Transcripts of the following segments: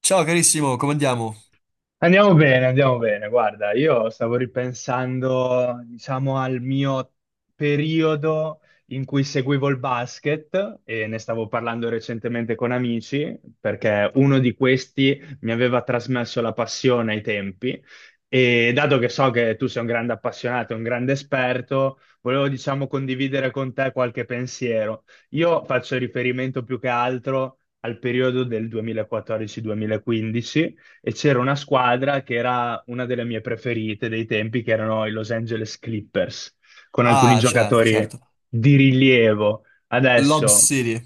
Ciao carissimo, come andiamo? Andiamo bene, andiamo bene. Guarda, io stavo ripensando, diciamo, al mio periodo in cui seguivo il basket e ne stavo parlando recentemente con amici, perché uno di questi mi aveva trasmesso la passione ai tempi e dato che so che tu sei un grande appassionato, un grande esperto, volevo, diciamo, condividere con te qualche pensiero. Io faccio riferimento più che altro al periodo del 2014-2015 e c'era una squadra che era una delle mie preferite dei tempi, che erano i Los Angeles Clippers, con alcuni Ah, certo, giocatori certo. di rilievo. Lob Adesso City.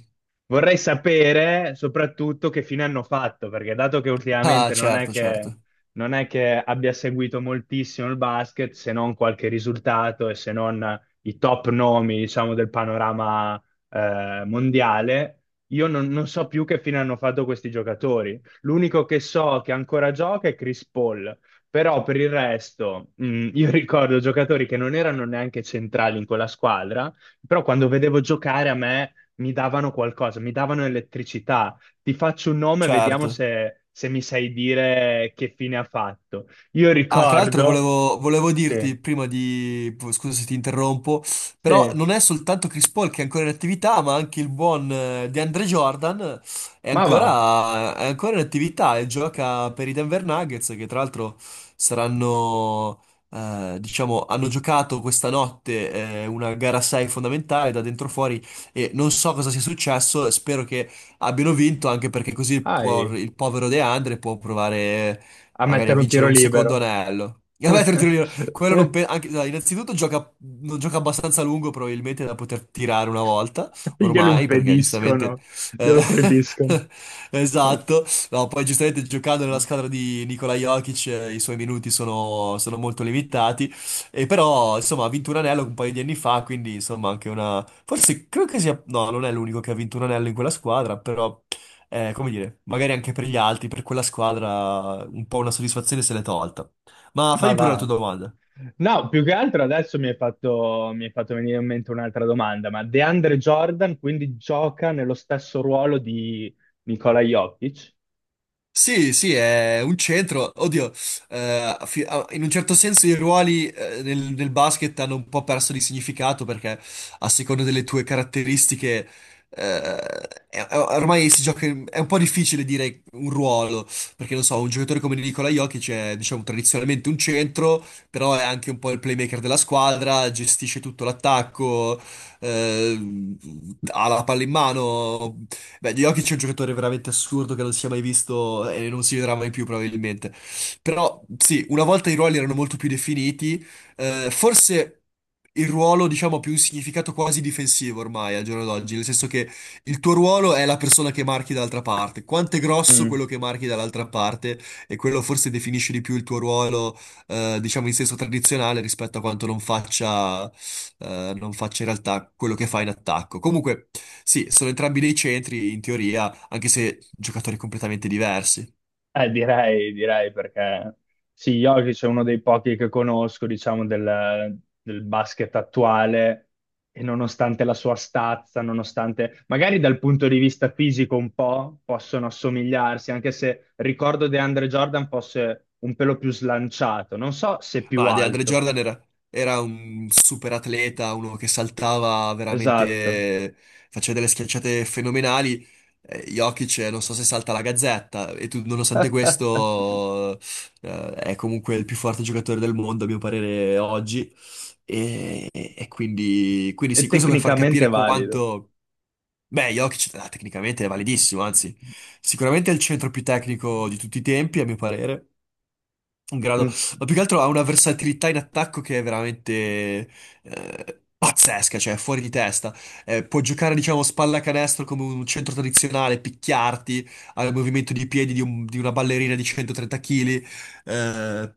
vorrei sapere soprattutto che fine hanno fatto, perché dato che Ah, ultimamente certo, certo. non è che abbia seguito moltissimo il basket, se non qualche risultato e se non i top nomi, diciamo, del panorama mondiale, io non so più che fine hanno fatto questi giocatori. L'unico che so che ancora gioca è Chris Paul, però per il resto, io ricordo giocatori che non erano neanche centrali in quella squadra, però quando vedevo giocare a me mi davano qualcosa, mi davano elettricità. Ti faccio un nome e vediamo Certo. Se mi sai dire che fine ha fatto. Io Ah, tra l'altro ricordo... volevo Sì, dirti prima di... Scusa se ti interrompo, però sì, non è soltanto Chris Paul che è ancora in attività, ma anche il buon DeAndre Jordan è ma va, ancora, è ancora in attività e gioca per i Denver Nuggets, che tra l'altro saranno, diciamo, hanno giocato questa notte una gara 6 fondamentale da dentro fuori e non so cosa sia successo, spero che abbiano vinto anche perché vai il povero DeAndre può provare a magari a mettere un vincere tiro un secondo libero. anello. E vabbè, quello non pe- dai, innanzitutto gioca, non gioca abbastanza a lungo probabilmente da poter tirare una volta, Glielo ormai, perché giustamente... impediscono, eh, glielo proibiscono. esatto. No, poi giustamente giocando nella squadra di Nikola Jokic, i suoi minuti sono molto limitati, e però insomma ha vinto un anello un paio di anni fa, quindi insomma anche una... Forse credo che sia... No, non è l'unico che ha vinto un anello in quella squadra, però, come dire, magari anche per gli altri, per quella squadra, un po' una soddisfazione se l'è tolta. Ma Ma fai pure la tua va. domanda. No, più che altro adesso mi hai fatto venire in mente un'altra domanda, ma DeAndre Jordan quindi gioca nello stesso ruolo di Nikola Jokic? Sì, sì, è un centro. Oddio, in un certo senso i ruoli, nel basket, hanno un po' perso di significato perché, a seconda delle tue caratteristiche, eh, ormai si gioca, è un po' difficile dire un ruolo, perché, non so, un giocatore come Nikola Jokic è, diciamo, tradizionalmente un centro, però è anche un po' il playmaker della squadra, gestisce tutto l'attacco, eh, ha la palla in mano. Beh, Jokic è un giocatore veramente assurdo che non si è mai visto e non si vedrà mai più probabilmente. Però sì, una volta i ruoli erano molto più definiti, forse il ruolo, diciamo, ha più un significato quasi difensivo ormai al giorno d'oggi, nel senso che il tuo ruolo è la persona che marchi dall'altra parte. Quanto è grosso quello Mm. che marchi dall'altra parte, e quello forse definisce di più il tuo ruolo, diciamo, in senso tradizionale, rispetto a quanto non faccia in realtà quello che fa in attacco. Comunque, sì, sono entrambi dei centri, in teoria, anche se giocatori completamente diversi. Direi perché sì, Jokic è uno dei pochi che conosco, diciamo, del basket attuale e nonostante la sua stazza, nonostante magari dal punto di vista fisico un po' possono assomigliarsi, anche se ricordo DeAndre Jordan fosse un pelo più slanciato, non so se più Ma DeAndre alto. Jordan era un super atleta, uno che saltava Esatto. veramente, faceva delle schiacciate fenomenali. Jokic, non so se salta la gazzetta, e tu, nonostante questo, è comunque il più forte giocatore del mondo, a mio parere, oggi. E quindi È sì, questo per far tecnicamente capire valido. quanto... Beh, Jokic, tecnicamente è validissimo, anzi, sicuramente è il centro più tecnico di tutti i tempi, a mio parere, in grado, Non si- ma più che altro ha una versatilità in attacco che è veramente, pazzesca, cioè fuori di testa. Può giocare, diciamo, spalla canestro come un centro tradizionale, picchiarti al movimento di piedi di, di una ballerina di 130 kg,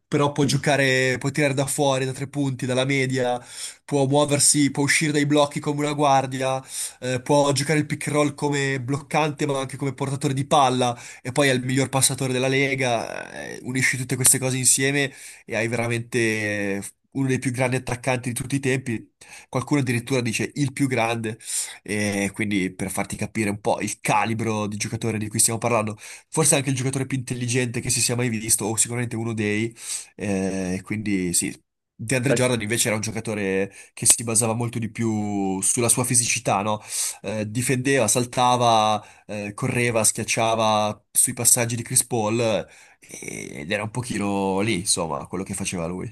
però può giocare, può tirare da fuori, da tre punti, dalla media, può muoversi, può uscire dai blocchi come una guardia, può giocare il pick and roll come bloccante, ma anche come portatore di palla, e poi è il miglior passatore della Lega. Unisci tutte queste cose insieme e hai veramente, eh, uno dei più grandi attaccanti di tutti i tempi. Qualcuno addirittura dice il più grande, e quindi per farti capire un po' il calibro di giocatore di cui stiamo parlando, forse anche il giocatore più intelligente che si sia mai visto, o sicuramente uno dei, quindi sì. DeAndre Beh, Jordan invece era un giocatore che si basava molto di più sulla sua fisicità, no? Difendeva, saltava, correva, schiacciava sui passaggi di Chris Paul, ed era un pochino lì, insomma, quello che faceva lui.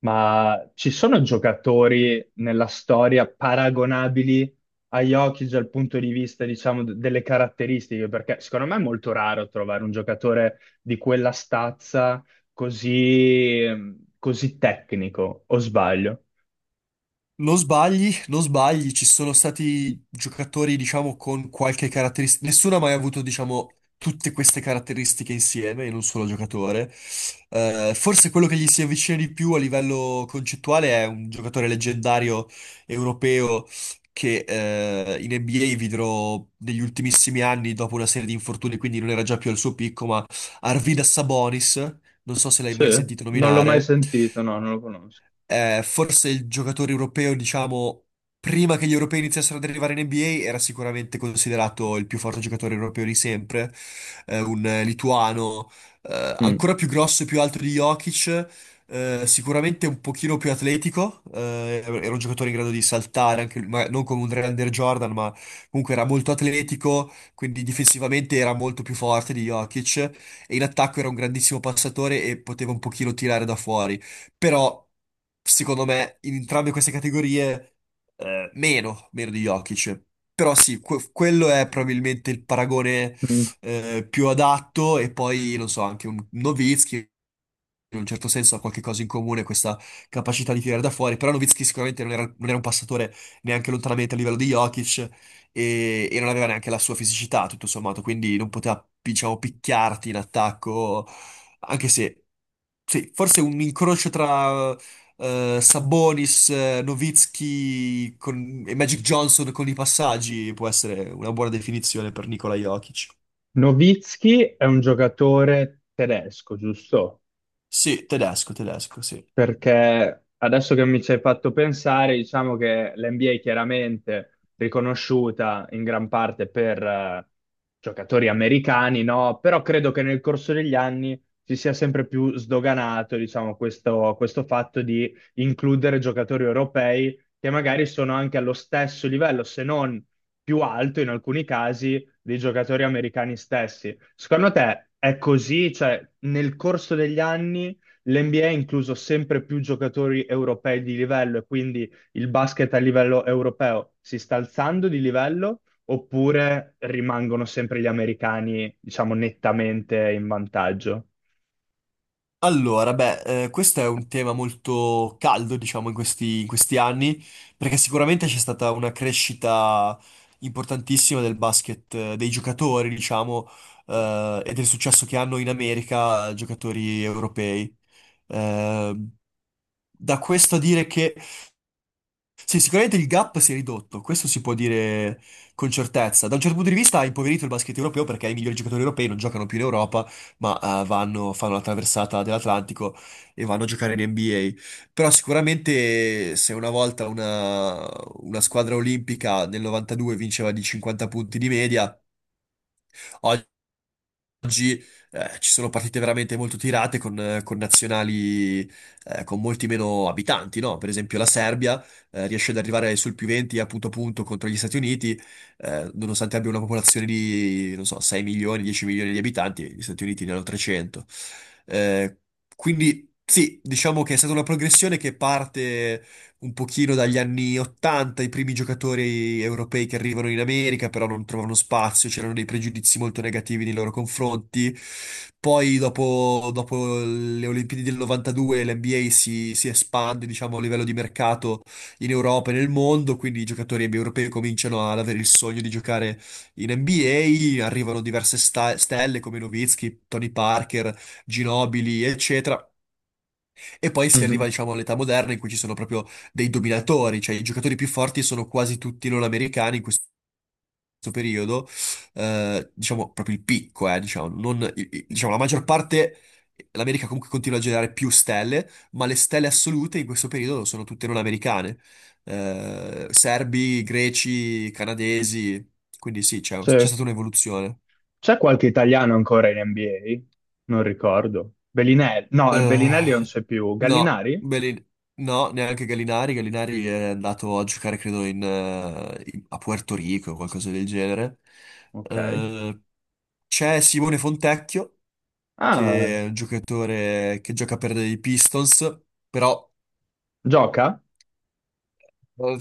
ma ci sono giocatori nella storia paragonabili a Jokic dal punto di vista, diciamo, d- delle caratteristiche? Perché secondo me è molto raro trovare un giocatore di quella stazza così, così tecnico, o sbaglio? Non sbagli, non sbagli, ci sono stati giocatori, diciamo, con qualche caratteristica. Nessuno ha mai avuto, diciamo, tutte queste caratteristiche insieme in un solo giocatore. Forse quello che gli si avvicina di più a livello concettuale è un giocatore leggendario europeo che, in NBA vidrò negli ultimissimi anni dopo una serie di infortuni, quindi non era già più al suo picco, ma Arvidas Sabonis, non so se l'hai Sì, mai sentito non l'ho mai nominare. sentito, no, non lo conosco. Forse il giocatore europeo, diciamo, prima che gli europei iniziassero ad arrivare in NBA, era sicuramente considerato il più forte giocatore europeo di sempre, un lituano, ancora più grosso e più alto di Jokic. Sicuramente un pochino più atletico, era un giocatore in grado di saltare, anche lui, ma non come un Andre Jordan, ma comunque era molto atletico, quindi difensivamente era molto più forte di Jokic, e in attacco era un grandissimo passatore e poteva un pochino tirare da fuori. Però, secondo me, in entrambe queste categorie, meno di Jokic. Però sì, quello è probabilmente il paragone Mm. Più adatto, e poi, non so, anche un Nowitzki in un certo senso ha qualche cosa in comune, questa capacità di tirare da fuori, però Nowitzki sicuramente non era un passatore neanche lontanamente a livello di Jokic, e non aveva neanche la sua fisicità, tutto sommato, quindi non poteva, diciamo, picchiarti in attacco, anche se, sì, forse un incrocio tra, Sabonis, Nowitzki e Magic Johnson con i passaggi, può essere una buona definizione per Nikola Jokic. Nowitzki è un giocatore tedesco, giusto? Sì, tedesco, tedesco, sì. Perché adesso che mi ci hai fatto pensare, diciamo che l'NBA è chiaramente riconosciuta in gran parte per giocatori americani, no? Però credo che nel corso degli anni si sia sempre più sdoganato, diciamo, questo fatto di includere giocatori europei che magari sono anche allo stesso livello, se non più alto in alcuni casi, dei giocatori americani stessi. Secondo te è così? Cioè, nel corso degli anni l'NBA ha incluso sempre più giocatori europei di livello e quindi il basket a livello europeo si sta alzando di livello oppure rimangono sempre gli americani, diciamo, nettamente in vantaggio? Allora, beh, questo è un tema molto caldo, diciamo, in questi anni, perché sicuramente c'è stata una crescita importantissima del basket, dei giocatori, diciamo, e del successo che hanno in America giocatori europei. Eh, Da questo a dire che sì, sicuramente il gap si è ridotto, questo si può dire con certezza. Da un certo punto di vista ha impoverito il basket europeo perché i migliori giocatori europei non giocano più in Europa, ma, vanno, fanno la traversata dell'Atlantico e vanno a giocare in NBA. Però sicuramente se una volta una squadra olimpica nel 92 vinceva di 50 punti di media, oggi, ci sono partite veramente molto tirate con nazionali, con molti meno abitanti, no? Per esempio la Serbia, riesce ad arrivare sul più 20 a punto contro gli Stati Uniti, nonostante abbia una popolazione di, non so, 6 milioni, 10 milioni di abitanti, gli Stati Uniti ne hanno 300. Eh, quindi sì, diciamo che è stata una progressione che parte un pochino dagli anni 80: i primi giocatori europei che arrivano in America, però non trovano spazio, c'erano dei pregiudizi molto negativi nei loro confronti. Poi dopo le Olimpiadi del 92 l'NBA si espande, diciamo, a livello di mercato in Europa e nel mondo, quindi i giocatori europei cominciano ad avere il sogno di giocare in NBA, arrivano diverse stelle come Nowitzki, Tony Parker, Ginobili, eccetera. E poi si arriva, Mhm. diciamo, all'età moderna in cui ci sono proprio dei dominatori, cioè i giocatori più forti sono quasi tutti non americani in questo periodo, diciamo proprio il picco, diciamo, non, diciamo, la maggior parte, l'America comunque continua a generare più stelle, ma le stelle assolute in questo periodo sono tutte non americane. Serbi, greci, canadesi, quindi sì, c'è Sì. stata un'evoluzione. C'è qualche italiano ancora in NBA? Non ricordo. Bellinelli? No, Eh, Bellinelli non c'è più. no, Gallinari? No, neanche Gallinari. Gallinari è andato a giocare, credo, a Puerto Rico o qualcosa del genere. Ok. Eh, C'è Simone Fontecchio, Ah, che è un giocatore che gioca per i Pistons, però... gioca? eh,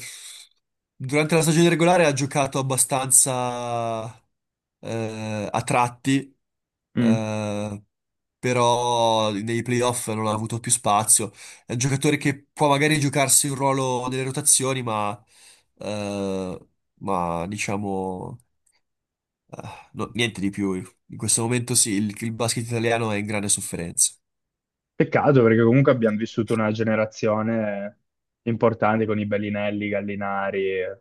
Durante la stagione regolare ha giocato abbastanza, a tratti, Mm. eh, però nei playoff non ha avuto più spazio. È un giocatore che può magari giocarsi un ruolo nelle rotazioni, eh, ma diciamo, eh, niente di più. In questo momento sì, il basket italiano è in grande sofferenza. Peccato perché comunque abbiamo vissuto una generazione importante con i Bellinelli, i Gallinari e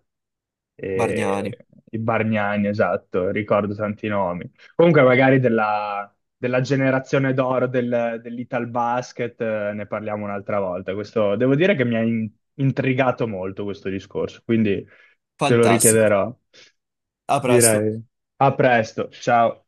e Bargnani, i Bargnani, esatto, ricordo tanti nomi. Comunque magari della generazione d'oro dell'Italbasket ne parliamo un'altra volta. Questo, devo dire che intrigato molto questo discorso, quindi te lo fantastico. richiederò. A presto. Direi a presto, ciao.